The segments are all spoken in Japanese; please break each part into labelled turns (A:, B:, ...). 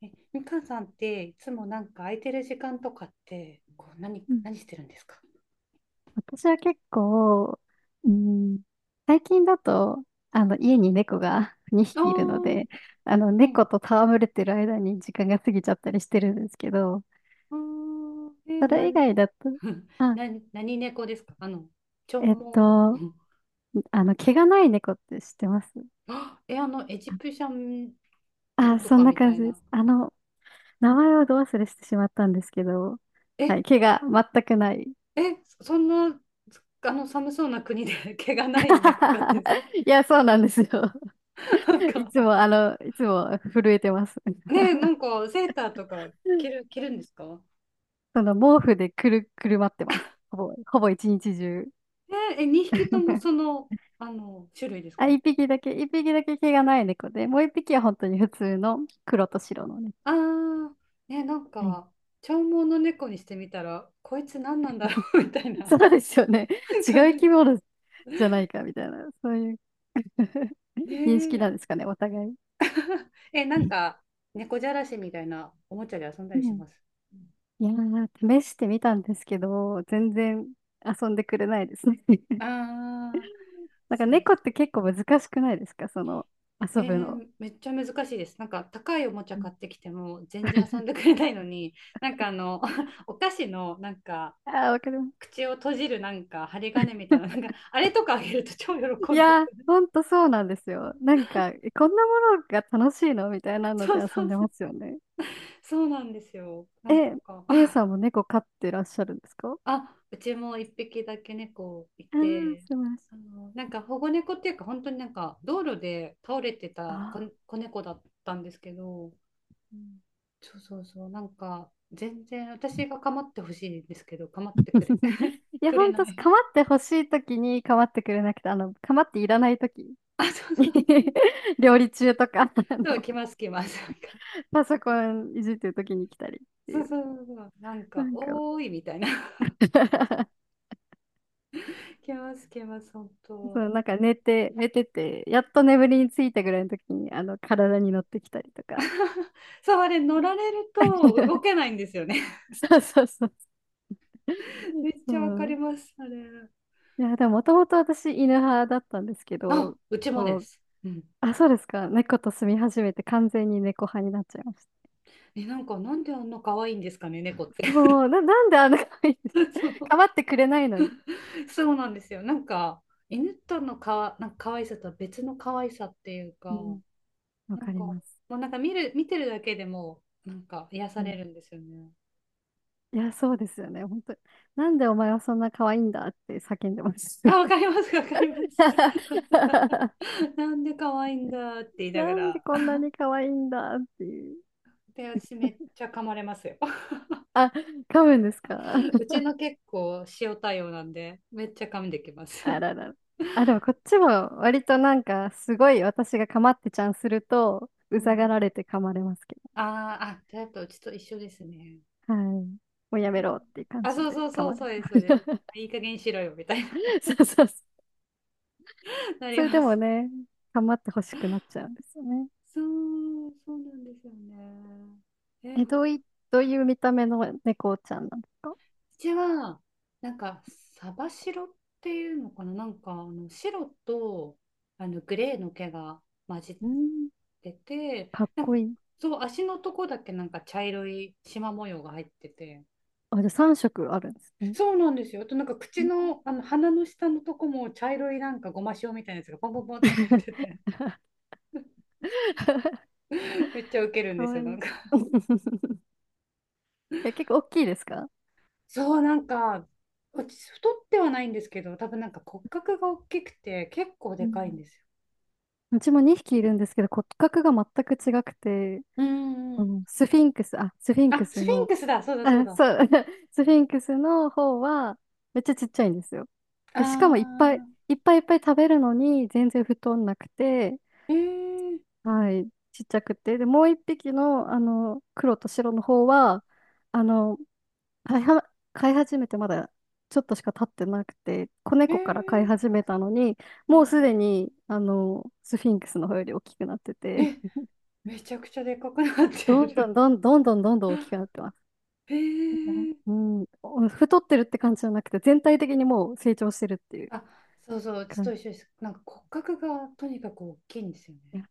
A: みかんさんっていつもなんか空いてる時間とかってこう何、
B: うん。
A: 何してるんですか？
B: 私は結構、うん、最近だと、家に猫が 2
A: あ
B: 匹いるの
A: ー
B: で、
A: うん。
B: 猫と戯れてる間に時間が過ぎちゃったりしてるんですけど、
A: うーん
B: それ以
A: 何。
B: 外だと、あ、
A: 何猫ですか？長
B: えっ
A: 毛。
B: と、
A: うん。
B: 毛がない猫って知ってます？
A: あえ、あの、エジプシャンな
B: あ、
A: んと
B: そん
A: か
B: な
A: みた
B: 感
A: い
B: じで
A: な。
B: す。名前をど忘れしてしまったんですけど、は
A: え、
B: い、毛が全くない。
A: そそんな、あの、寒そうな国で 毛がない猫飼ってんですか？
B: いや、そうなんですよ。
A: なん
B: い
A: か、
B: つも、あの、いつも震えてます。
A: ねえ、なんか、セーターとか着るんですか？
B: その毛布でくるまってます。ほぼ一日中。
A: 2匹ともそ の、あの、種類です
B: あ、
A: か？
B: 一匹だけ毛がない猫で、もう一匹は本当に普通の黒と白のね。
A: ああ、ね、なん
B: はい。
A: か、長毛の猫にしてみたら、こいつ何なんだろう みたい
B: そ
A: な
B: うですよね。違う
A: 感
B: 生
A: じ。
B: き物じゃないかみたいな、そういう 認識
A: ね
B: なんですかね、お互い。
A: え。なん
B: う
A: か、猫じゃらしみたいなおもちゃで遊んだりし
B: ん。
A: ます？
B: いやー、試してみたんですけど、全然遊んでくれないですね。
A: ああー、
B: なんか
A: そうで
B: 猫って
A: す。
B: 結構難しくないですか、その
A: え
B: 遊ぶの。
A: ー、めっちゃ難しいです。なんか高いおもちゃ
B: う
A: 買
B: ん、
A: ってきても全然遊んでくれないのに、なんかあの、お菓子のなんか
B: あー、わかります。
A: 口を閉じるなんか針金みたいな、なんかあれとかあげると超喜
B: い
A: んでて。
B: や、ほんとそうなんですよ。なんか、え、こんなものが楽しいのみたいなの
A: そ
B: で
A: う
B: 遊
A: そ
B: ん
A: う
B: で
A: そ
B: ま
A: う。
B: すよね。
A: そうなんですよ。なん
B: え、
A: か
B: みゆさんも猫飼ってらっしゃるんですか？あ
A: あ、うちも一匹だけ猫い
B: あー、
A: て、
B: 素晴らしい。
A: あの、なんか保護猫っていうか、本当になんか道路で倒れて
B: あ
A: た子、
B: あ。
A: 子猫だったんですけど、
B: うん。
A: そうそうそう、なんか全然私が構ってほしいんですけど、構ってくれ、
B: いや、
A: く
B: ほ
A: れ
B: ん
A: な
B: と、
A: い。
B: かまってほしいときにかまってくれなくて、かまっていらないとき。
A: あ、そうそう、
B: 料理中とか、あ
A: そう、
B: の、
A: 来ます来ます。なんか、
B: パソコンいじってるときに来たりって
A: そ
B: い
A: う
B: う。
A: そうそうそう、なん
B: な
A: か、
B: んか
A: おーいみたいな。来ます来ます、本当。
B: そう、なんか寝てて、やっと眠りについたぐらいのときに、体に乗ってきたりとか。
A: そう、あれ乗られると動 けないんですよね。
B: そうそうそう。
A: めっちゃわ
B: そ
A: かり
B: う。
A: ます、あれ。
B: いや、でももともと私犬派だったんですけ
A: あ、
B: ど、
A: うちもで
B: こう、
A: す。うん。
B: あ、そうですか。猫と住み始めて完全に猫派になっちゃいまし
A: なんか、なんであんな可愛いんですかね、猫って。
B: た。そう、なんであんな可愛いんです？
A: そ う、
B: 構ってくれないのに。
A: そうなんですよ。なんか、犬とのかわ、なんか可愛さとは別の可愛さっていう
B: う
A: か、
B: ん、わ
A: な
B: か
A: ん
B: り
A: か、も
B: ます。
A: うなんか見てるだけでも、なんか癒さ
B: う
A: れ
B: ん。
A: るんですよね。
B: いや、そうですよね。本当になんでお前はそんな可愛いんだって叫んでます。
A: あ、わかります、わかります。なんで可愛いんだって言いなが
B: なんで
A: ら。
B: こんなに可愛いんだっていう。
A: で、私めっちゃ噛まれますよ。
B: あ、噛むんですか？
A: うちの結構塩対応なんで、めっちゃ噛んできます。
B: あ らら。あ、でもこっちも割となんかすごい私が構ってちゃんすると、う
A: う
B: ざが
A: ん。
B: られて噛まれますけ
A: あーあ、じゃあやっぱうちと一緒ですね。
B: ど。はい。もう
A: え
B: やめ
A: ー。
B: ろっていう感
A: あ、
B: じ
A: そう
B: で
A: そう
B: 噛
A: そう、
B: まれ
A: そうで
B: ま
A: す、そうです。いい加減にしろよ、みたいな、
B: す。そうそうそう。
A: な
B: そ
A: り
B: れ
A: ま
B: でも
A: す。
B: ね、まってほしくなっちゃうんですよね。
A: そう、そうなんですよね。えー、
B: え、
A: ほう
B: どういう見た目の猫ちゃんなんですか？
A: ちは、なんか、サバ白っていうのかな、なんか、あの白とあのグレーの毛が混じっ
B: うん、
A: てて、
B: かっ
A: なん
B: こ
A: か
B: いい。
A: そう、足のとこだけなんか茶色い縞模様が入ってて、
B: あ、じゃあ3色あるんですね。
A: そうなんですよ。あと、なんか
B: う
A: 口
B: ん。
A: の、あの鼻の下のとこも茶色いなんかごま塩みたいなやつがポンポンポンって入って て。めっちゃウケるん
B: か
A: です
B: わ
A: よ、な
B: い
A: ん
B: い。
A: か。
B: え、結構大きいですか？
A: そう、なんか、私、太ってはないんですけど、多分なんか骨格が大きくて、結構
B: う
A: でかいん
B: ん。
A: ですよ。
B: うちも2匹いるんですけど骨格が全く違くて、
A: うんう
B: う
A: ん。
B: ん、スフィンクス、あ、スフィンク
A: あ、
B: ス
A: スフィン
B: の、
A: クスだ、そうだそう
B: あ、
A: だ。
B: そう、スフィンクスの方はめっちゃちっちゃいんですよ。で、しかもいっぱい
A: あ
B: いっぱいいっぱい食べるのに全然太んなくて、
A: ー、えー、
B: はい、ちっちゃくて。で、もう一匹の、黒と白の方は、あの、飼い始めてまだちょっとしか経ってなくて、子
A: え
B: 猫から飼い
A: ー、
B: 始めたのに、
A: う
B: も
A: ん。
B: うすでに、スフィンクスの方より大きくなってて。
A: え、めちゃくちゃでかくなって
B: どんど
A: る。
B: んどんどんどんどんどん大きくな ってます。
A: ええ。
B: うん、お太ってるって感じじゃなくて、全体的にもう成長してるっていう
A: あ、そうそう、うち
B: 感
A: と
B: じ。
A: 一緒です。なんか骨格がとにかく大きいんですよ
B: い
A: ね。
B: や、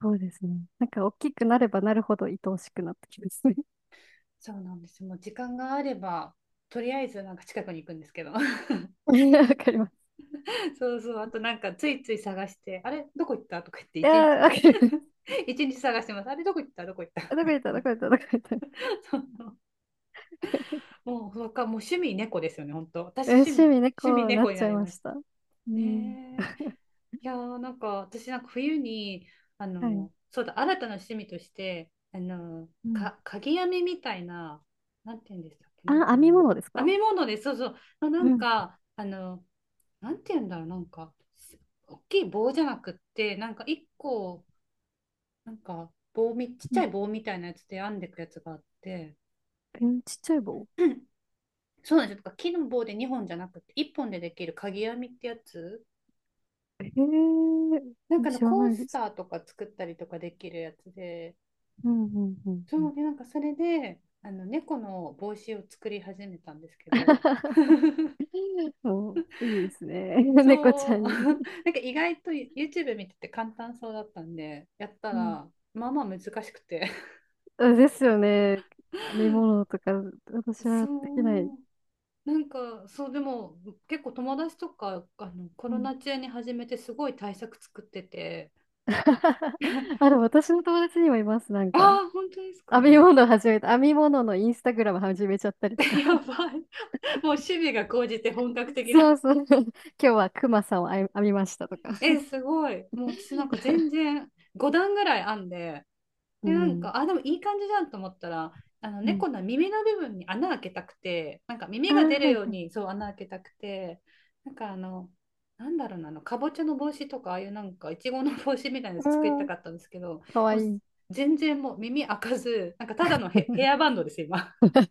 B: そうですね。なんか大きくなればなるほど愛おしくなってきますね。
A: そうなんですよ。もう時間があれば、とりあえずなんか近くに行くんですけど。
B: いや、わかります。
A: そうそう、あとなんかついつい探して、あれどこ行ったとか言って
B: いや、
A: 一日
B: わかります。
A: 一日探してます。あれどこ行ったどこ行った。
B: あ、どこ行った、どこ行った、どこ行った。
A: そう、 もう、もう趣味猫ですよね、本当。
B: え、
A: 私
B: 趣
A: 趣味、
B: 味ね、
A: 趣味
B: こうな
A: 猫
B: っ
A: に
B: ちゃ
A: な
B: い
A: り
B: ま
A: ま
B: し
A: した。
B: た。うん。
A: ねえ。いやー、なんか私なんか冬に、あ
B: はい。
A: の、そうだ、新たな趣味として、あの、
B: うん。
A: 鍵編みみたいな、なんて言うんでしたっけ、なん
B: あ、
A: か
B: 編
A: あ
B: み
A: の、
B: 物です
A: 編
B: か？
A: み物で、そうそう、のな
B: う
A: ん
B: ん。
A: か、あの、なんて言うんだろう、なんか、大きい棒じゃなくって、なんか一個、なんかちっ
B: う
A: ちゃ
B: ん。
A: い棒みたいなやつで編んでいくやつがあって、
B: えー、ちっちゃい棒。
A: うん。そうなんですよ。とか木の棒で2本じゃなくて、1本でできる鍵編みってやつ、
B: え
A: なんか
B: ー、
A: あの
B: 知ら
A: コー
B: ないで
A: スタ
B: す。
A: ーとか作ったりとかできるやつで、
B: うんうんうんう
A: そ
B: ん。
A: うで、なんかそれで、あの猫の帽子を作り始めたんですけど、
B: もう、いいですね。猫ちゃ
A: そう
B: んに。
A: なんか意外と YouTube 見てて簡単そうだったんで、やった
B: うん。
A: ら、まあまあ難しくて。
B: あ、ですよね。編み 物とか、私
A: そ
B: はできない。
A: う、なんか、そう、でも、結構友達とか、あの、コ
B: う
A: ロ
B: ん。
A: ナ中に始めて、すごい対策作ってて、
B: あ、でも私の友達にもいます。なん
A: あ
B: か、
A: あ、本当ですか。
B: 編み物始めた。編み物のインスタグラム始めちゃったりと か。
A: やばい。もう趣味が高じて本格 的
B: そう
A: な。
B: そう。今日はクマさんを編みましたとか。
A: え、すごい。もう私なんか全然、5段ぐらい編んで、
B: う
A: で、なん
B: ん。
A: か、あ、でもいい感じじゃんと思ったら、あの
B: うん。
A: 猫の耳の部分に穴開けたくて、なんか
B: あ
A: 耳が
B: ー、
A: 出る
B: は
A: よう
B: い。
A: にそう穴開けたくて、なんかあの、なんだろうな、あの、かぼちゃの帽子とか、ああいうなんか、いちごの帽子みたいなや
B: う
A: つ作りた
B: ん。
A: かったんですけど、
B: かわ
A: もう
B: いい。
A: 全然もう耳開かず、なんかただのヘアバンドです、今。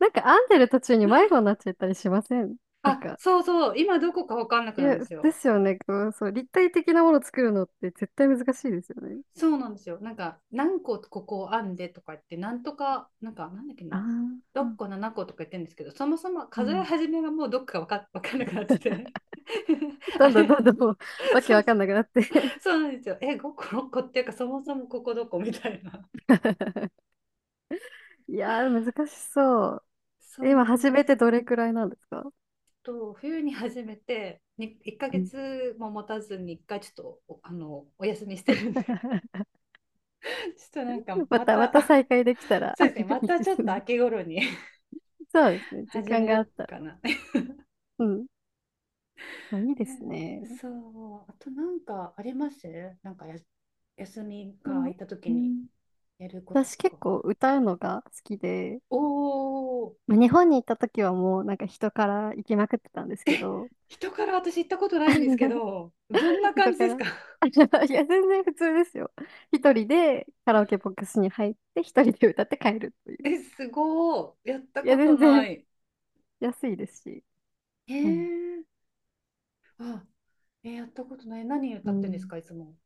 B: なんか編んでる途中に迷子になっちゃったりしません？ なん
A: あ、
B: か、
A: そうそう、今どこかわかんなく
B: い
A: なるん
B: や、
A: です
B: で
A: よ。
B: すよね。こう、そう、立体的なものを作るのって絶対難しいですよね。
A: そうなんですよ。なんか、何個ここ編んでとか言って、なんとか、なんか、なんだっけ
B: あ
A: な、
B: あ、
A: 6個、7個とか言ってるんですけど、そもそも
B: う
A: 数え
B: ん。
A: 始めがもうどっかわかんなくなって て あ
B: どんどん
A: れ
B: どんどんもう、わけ
A: そう
B: わ
A: そう、
B: かんなくなって
A: そうなんですよ。え、5個、6個っていうか、そもそもここどこみたいな。
B: いやー、難しそう。
A: そ
B: え、
A: うな
B: 今、
A: ん
B: 始
A: で
B: めて
A: す。
B: どれくらいなんですか？
A: と、冬に始めて、に1
B: う
A: ヶ
B: ん。
A: 月も持たずに、1回ちょっとあの、お休みしてるんで ち ょっとなんか、
B: ま
A: ま
B: た、ま
A: た
B: た再 開できたら
A: そうですね、ま
B: いい
A: た
B: で
A: ちょっ
B: す
A: と
B: ね。
A: 秋頃に
B: そうですね。時
A: 始
B: 間
A: め
B: が
A: よ
B: あ
A: う
B: ったら。
A: かな。
B: うん。あ、いいで
A: ね、
B: すね。
A: そう。あとなんかあります？なんかや休み
B: う
A: が空
B: ん。
A: いた時
B: う
A: に
B: ん。
A: やること
B: 私
A: と
B: 結
A: か。
B: 構歌うのが好きで、
A: おお、
B: まあ日本に行った時はもうなんか人から行きまくってたんですけど、
A: 人から私行ったことないんですけ ど、どんな感
B: 人
A: じ
B: か
A: です
B: ら。
A: か？
B: いや、全然普通ですよ。一人でカラオケボックスに入って、一人で歌って帰ると いう。
A: え、すごい。やった
B: いや、
A: こと
B: 全
A: な
B: 然
A: い。
B: 安いですし。
A: え
B: はい。
A: ー、あ、えー、やったことない。何歌
B: う
A: ってんです
B: ん。
A: か、いつも。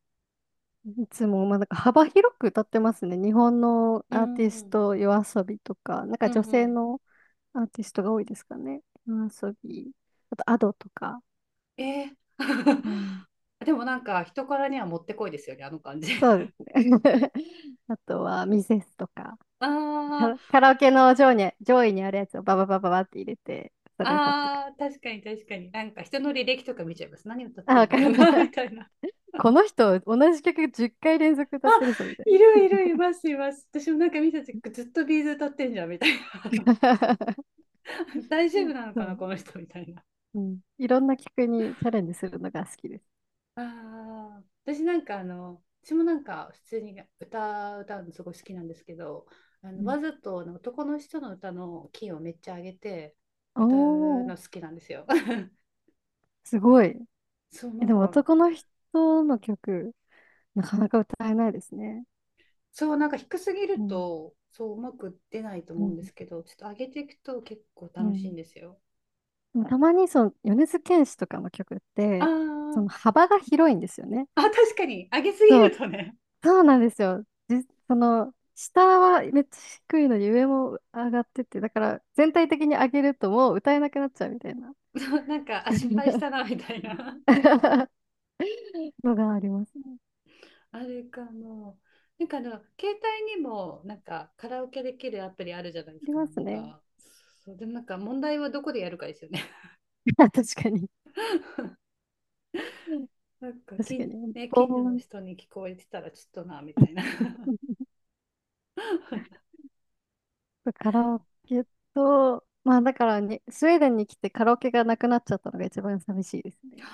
B: いつも、まあ、なんか幅広く歌ってますね。日本の
A: う
B: アーティ
A: んう
B: ス
A: ん
B: ト、夜遊びとか、なんか
A: うん
B: 女
A: う
B: 性
A: ん。
B: のアーティストが多いですかね。夜遊び、あとアドとか。
A: えー。
B: うん。
A: でもなんか人からにはもってこいですよね、あの感じ。
B: そう ですね。あとはミセスとか、カラ
A: あ。
B: カラオケの上位にあるやつをバババババって入れて、それ歌って、
A: あ、あ、確かに確かに。なんか人の履歴とか見ちゃいます。何歌っ
B: あ、
A: てん
B: わ
A: の
B: か
A: か
B: りまし
A: な み
B: た。
A: た いな。
B: この人、同じ曲10回連続
A: あ、
B: 歌ってるぞ、みたい
A: い
B: な。
A: るいるいますいます。私もなんか見た時ずっとビーズ歌ってんじゃんみたいな。大丈夫なの
B: そ
A: か
B: う、
A: なこの人みたいな。
B: うん。いろんな曲にチャレンジするのが好きです。
A: ああ、私なんかあの、私もなんか普通に歌歌うのすごい好きなんですけど、あ
B: う
A: の
B: ん、
A: わざとあの男の人の歌のキーをめっちゃ上げて
B: お
A: 歌うの
B: ー、
A: 好きなんですよ。
B: すごい。
A: そうな
B: え、で
A: ん
B: も
A: か。
B: 男の人の曲、なかなか歌えないですね。
A: そう、なんか低すぎ
B: う
A: る
B: ん、
A: と、そう、うまく出ないと
B: う
A: 思うんです
B: ん、
A: けど、ちょっと上げていくと結構
B: う
A: 楽しい
B: ん。
A: んですよ。
B: でもたまにその、米津玄師とかの曲っ
A: あ
B: て、そ
A: ー。
B: の 幅が広いんですよね。
A: あ、確かに、上げすぎ
B: そ
A: る
B: う
A: とね、
B: そうなんですよ。その、下はめっちゃ低いのに上も上がってて、だから全体的に上げるともう歌えなくなっちゃうみたいな
A: そうなんか、あ、失敗したな、みたいな。
B: のがありますね。
A: あれかも。なんかあの、携帯にも、なんか、カラオケできるアプリあるじゃないで
B: あ
A: す
B: り
A: か、
B: ま
A: な
B: す
A: ん
B: ね。
A: か。そう、でもなんか、問題はどこでやるかですよね。
B: 確かに。
A: なんか
B: 確かに。
A: ね、
B: ボ
A: 近所
B: ー
A: の
B: ン。
A: 人に聞こえてたら、ちょっとな、みたいな。
B: カラオケと、まあだからにスウェーデンに来てカラオケがなくなっちゃったのが一番寂しいです ね。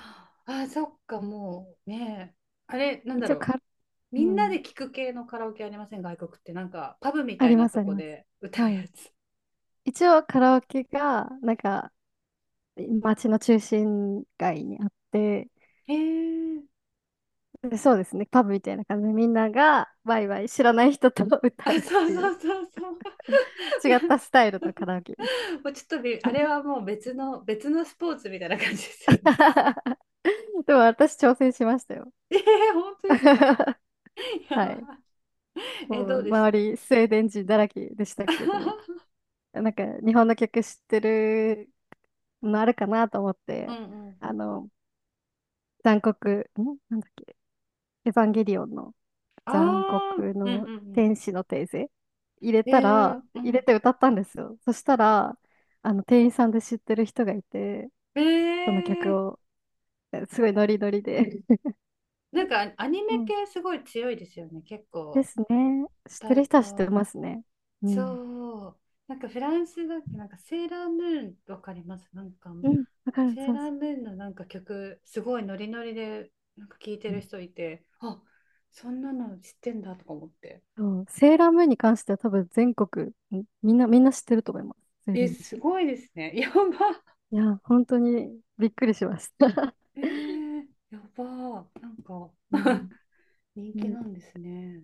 A: あー、そっか、もう、ね。あれ、なんだ
B: 一
A: ろ
B: 応
A: う。
B: カラ、
A: み
B: う
A: んな
B: ん。
A: で聞く系のカラオケありません？外国ってなんかパブみ
B: あ
A: たい
B: り
A: な
B: ます
A: と
B: あり
A: こ
B: ます。
A: で歌う
B: はい。
A: やつ。
B: 一応カラオケが、なんか、街の中心街にあって、
A: へえ。
B: で、そうですね、パブみたいな感じでみんながワイワイ知らない人と
A: あ、
B: 歌うっ
A: そう
B: てい
A: そ
B: う
A: うそうそう。
B: 違ったスタイルのカラオケです。
A: もうちょっとびあれはもう別のスポーツみたいな感じですよね。
B: でも私挑戦しましたよ。
A: えー、本当 ですか。や
B: は
A: ば
B: い。
A: い。え、
B: も
A: ど
B: う
A: うでし
B: 周
A: た？
B: りスウェーデン人だらけでしたけど、なんか日本の曲知ってるのあるかなと思っ
A: うん
B: て、
A: うん。
B: あの、残酷、んなんだっけ、エヴァンゲリオンの
A: あ
B: 残
A: あ、
B: 酷
A: うん
B: の
A: うん
B: 天使のテーゼ入れ
A: うん。
B: た
A: えー、
B: ら、
A: う
B: 入れ
A: ん。
B: て歌ったんですよ。そしたら、店員さんで知ってる人がいて、
A: え
B: その曲
A: ー、
B: を、え、すごいノリノリで。
A: なんかアニ
B: う
A: メ
B: ん。
A: 系すごい強いですよね。結
B: で
A: 構
B: すね。知っ
A: 歌
B: てる
A: う
B: 人は知って
A: と。
B: ますね。うん。
A: そう。なんかフランスだっけ、なんかセーラームーンわかります？なんか、
B: うん。わかる。
A: セー
B: そう
A: ラ
B: そ
A: ー
B: う。
A: ムーンのなんか曲、すごいノリノリで、なんか聴いて
B: う
A: る
B: ん、
A: 人いて、あ、そんなの知ってんだとか思って。
B: そう、セーラームーンに関しては多分全国、みんな知ってると思います。スウェーデ
A: え、
B: ン
A: す
B: 人。
A: ごいですね。やば。
B: いや、本当にびっくりしました。
A: えー、やば。なんか
B: うん。
A: 人気
B: ね
A: なんですね。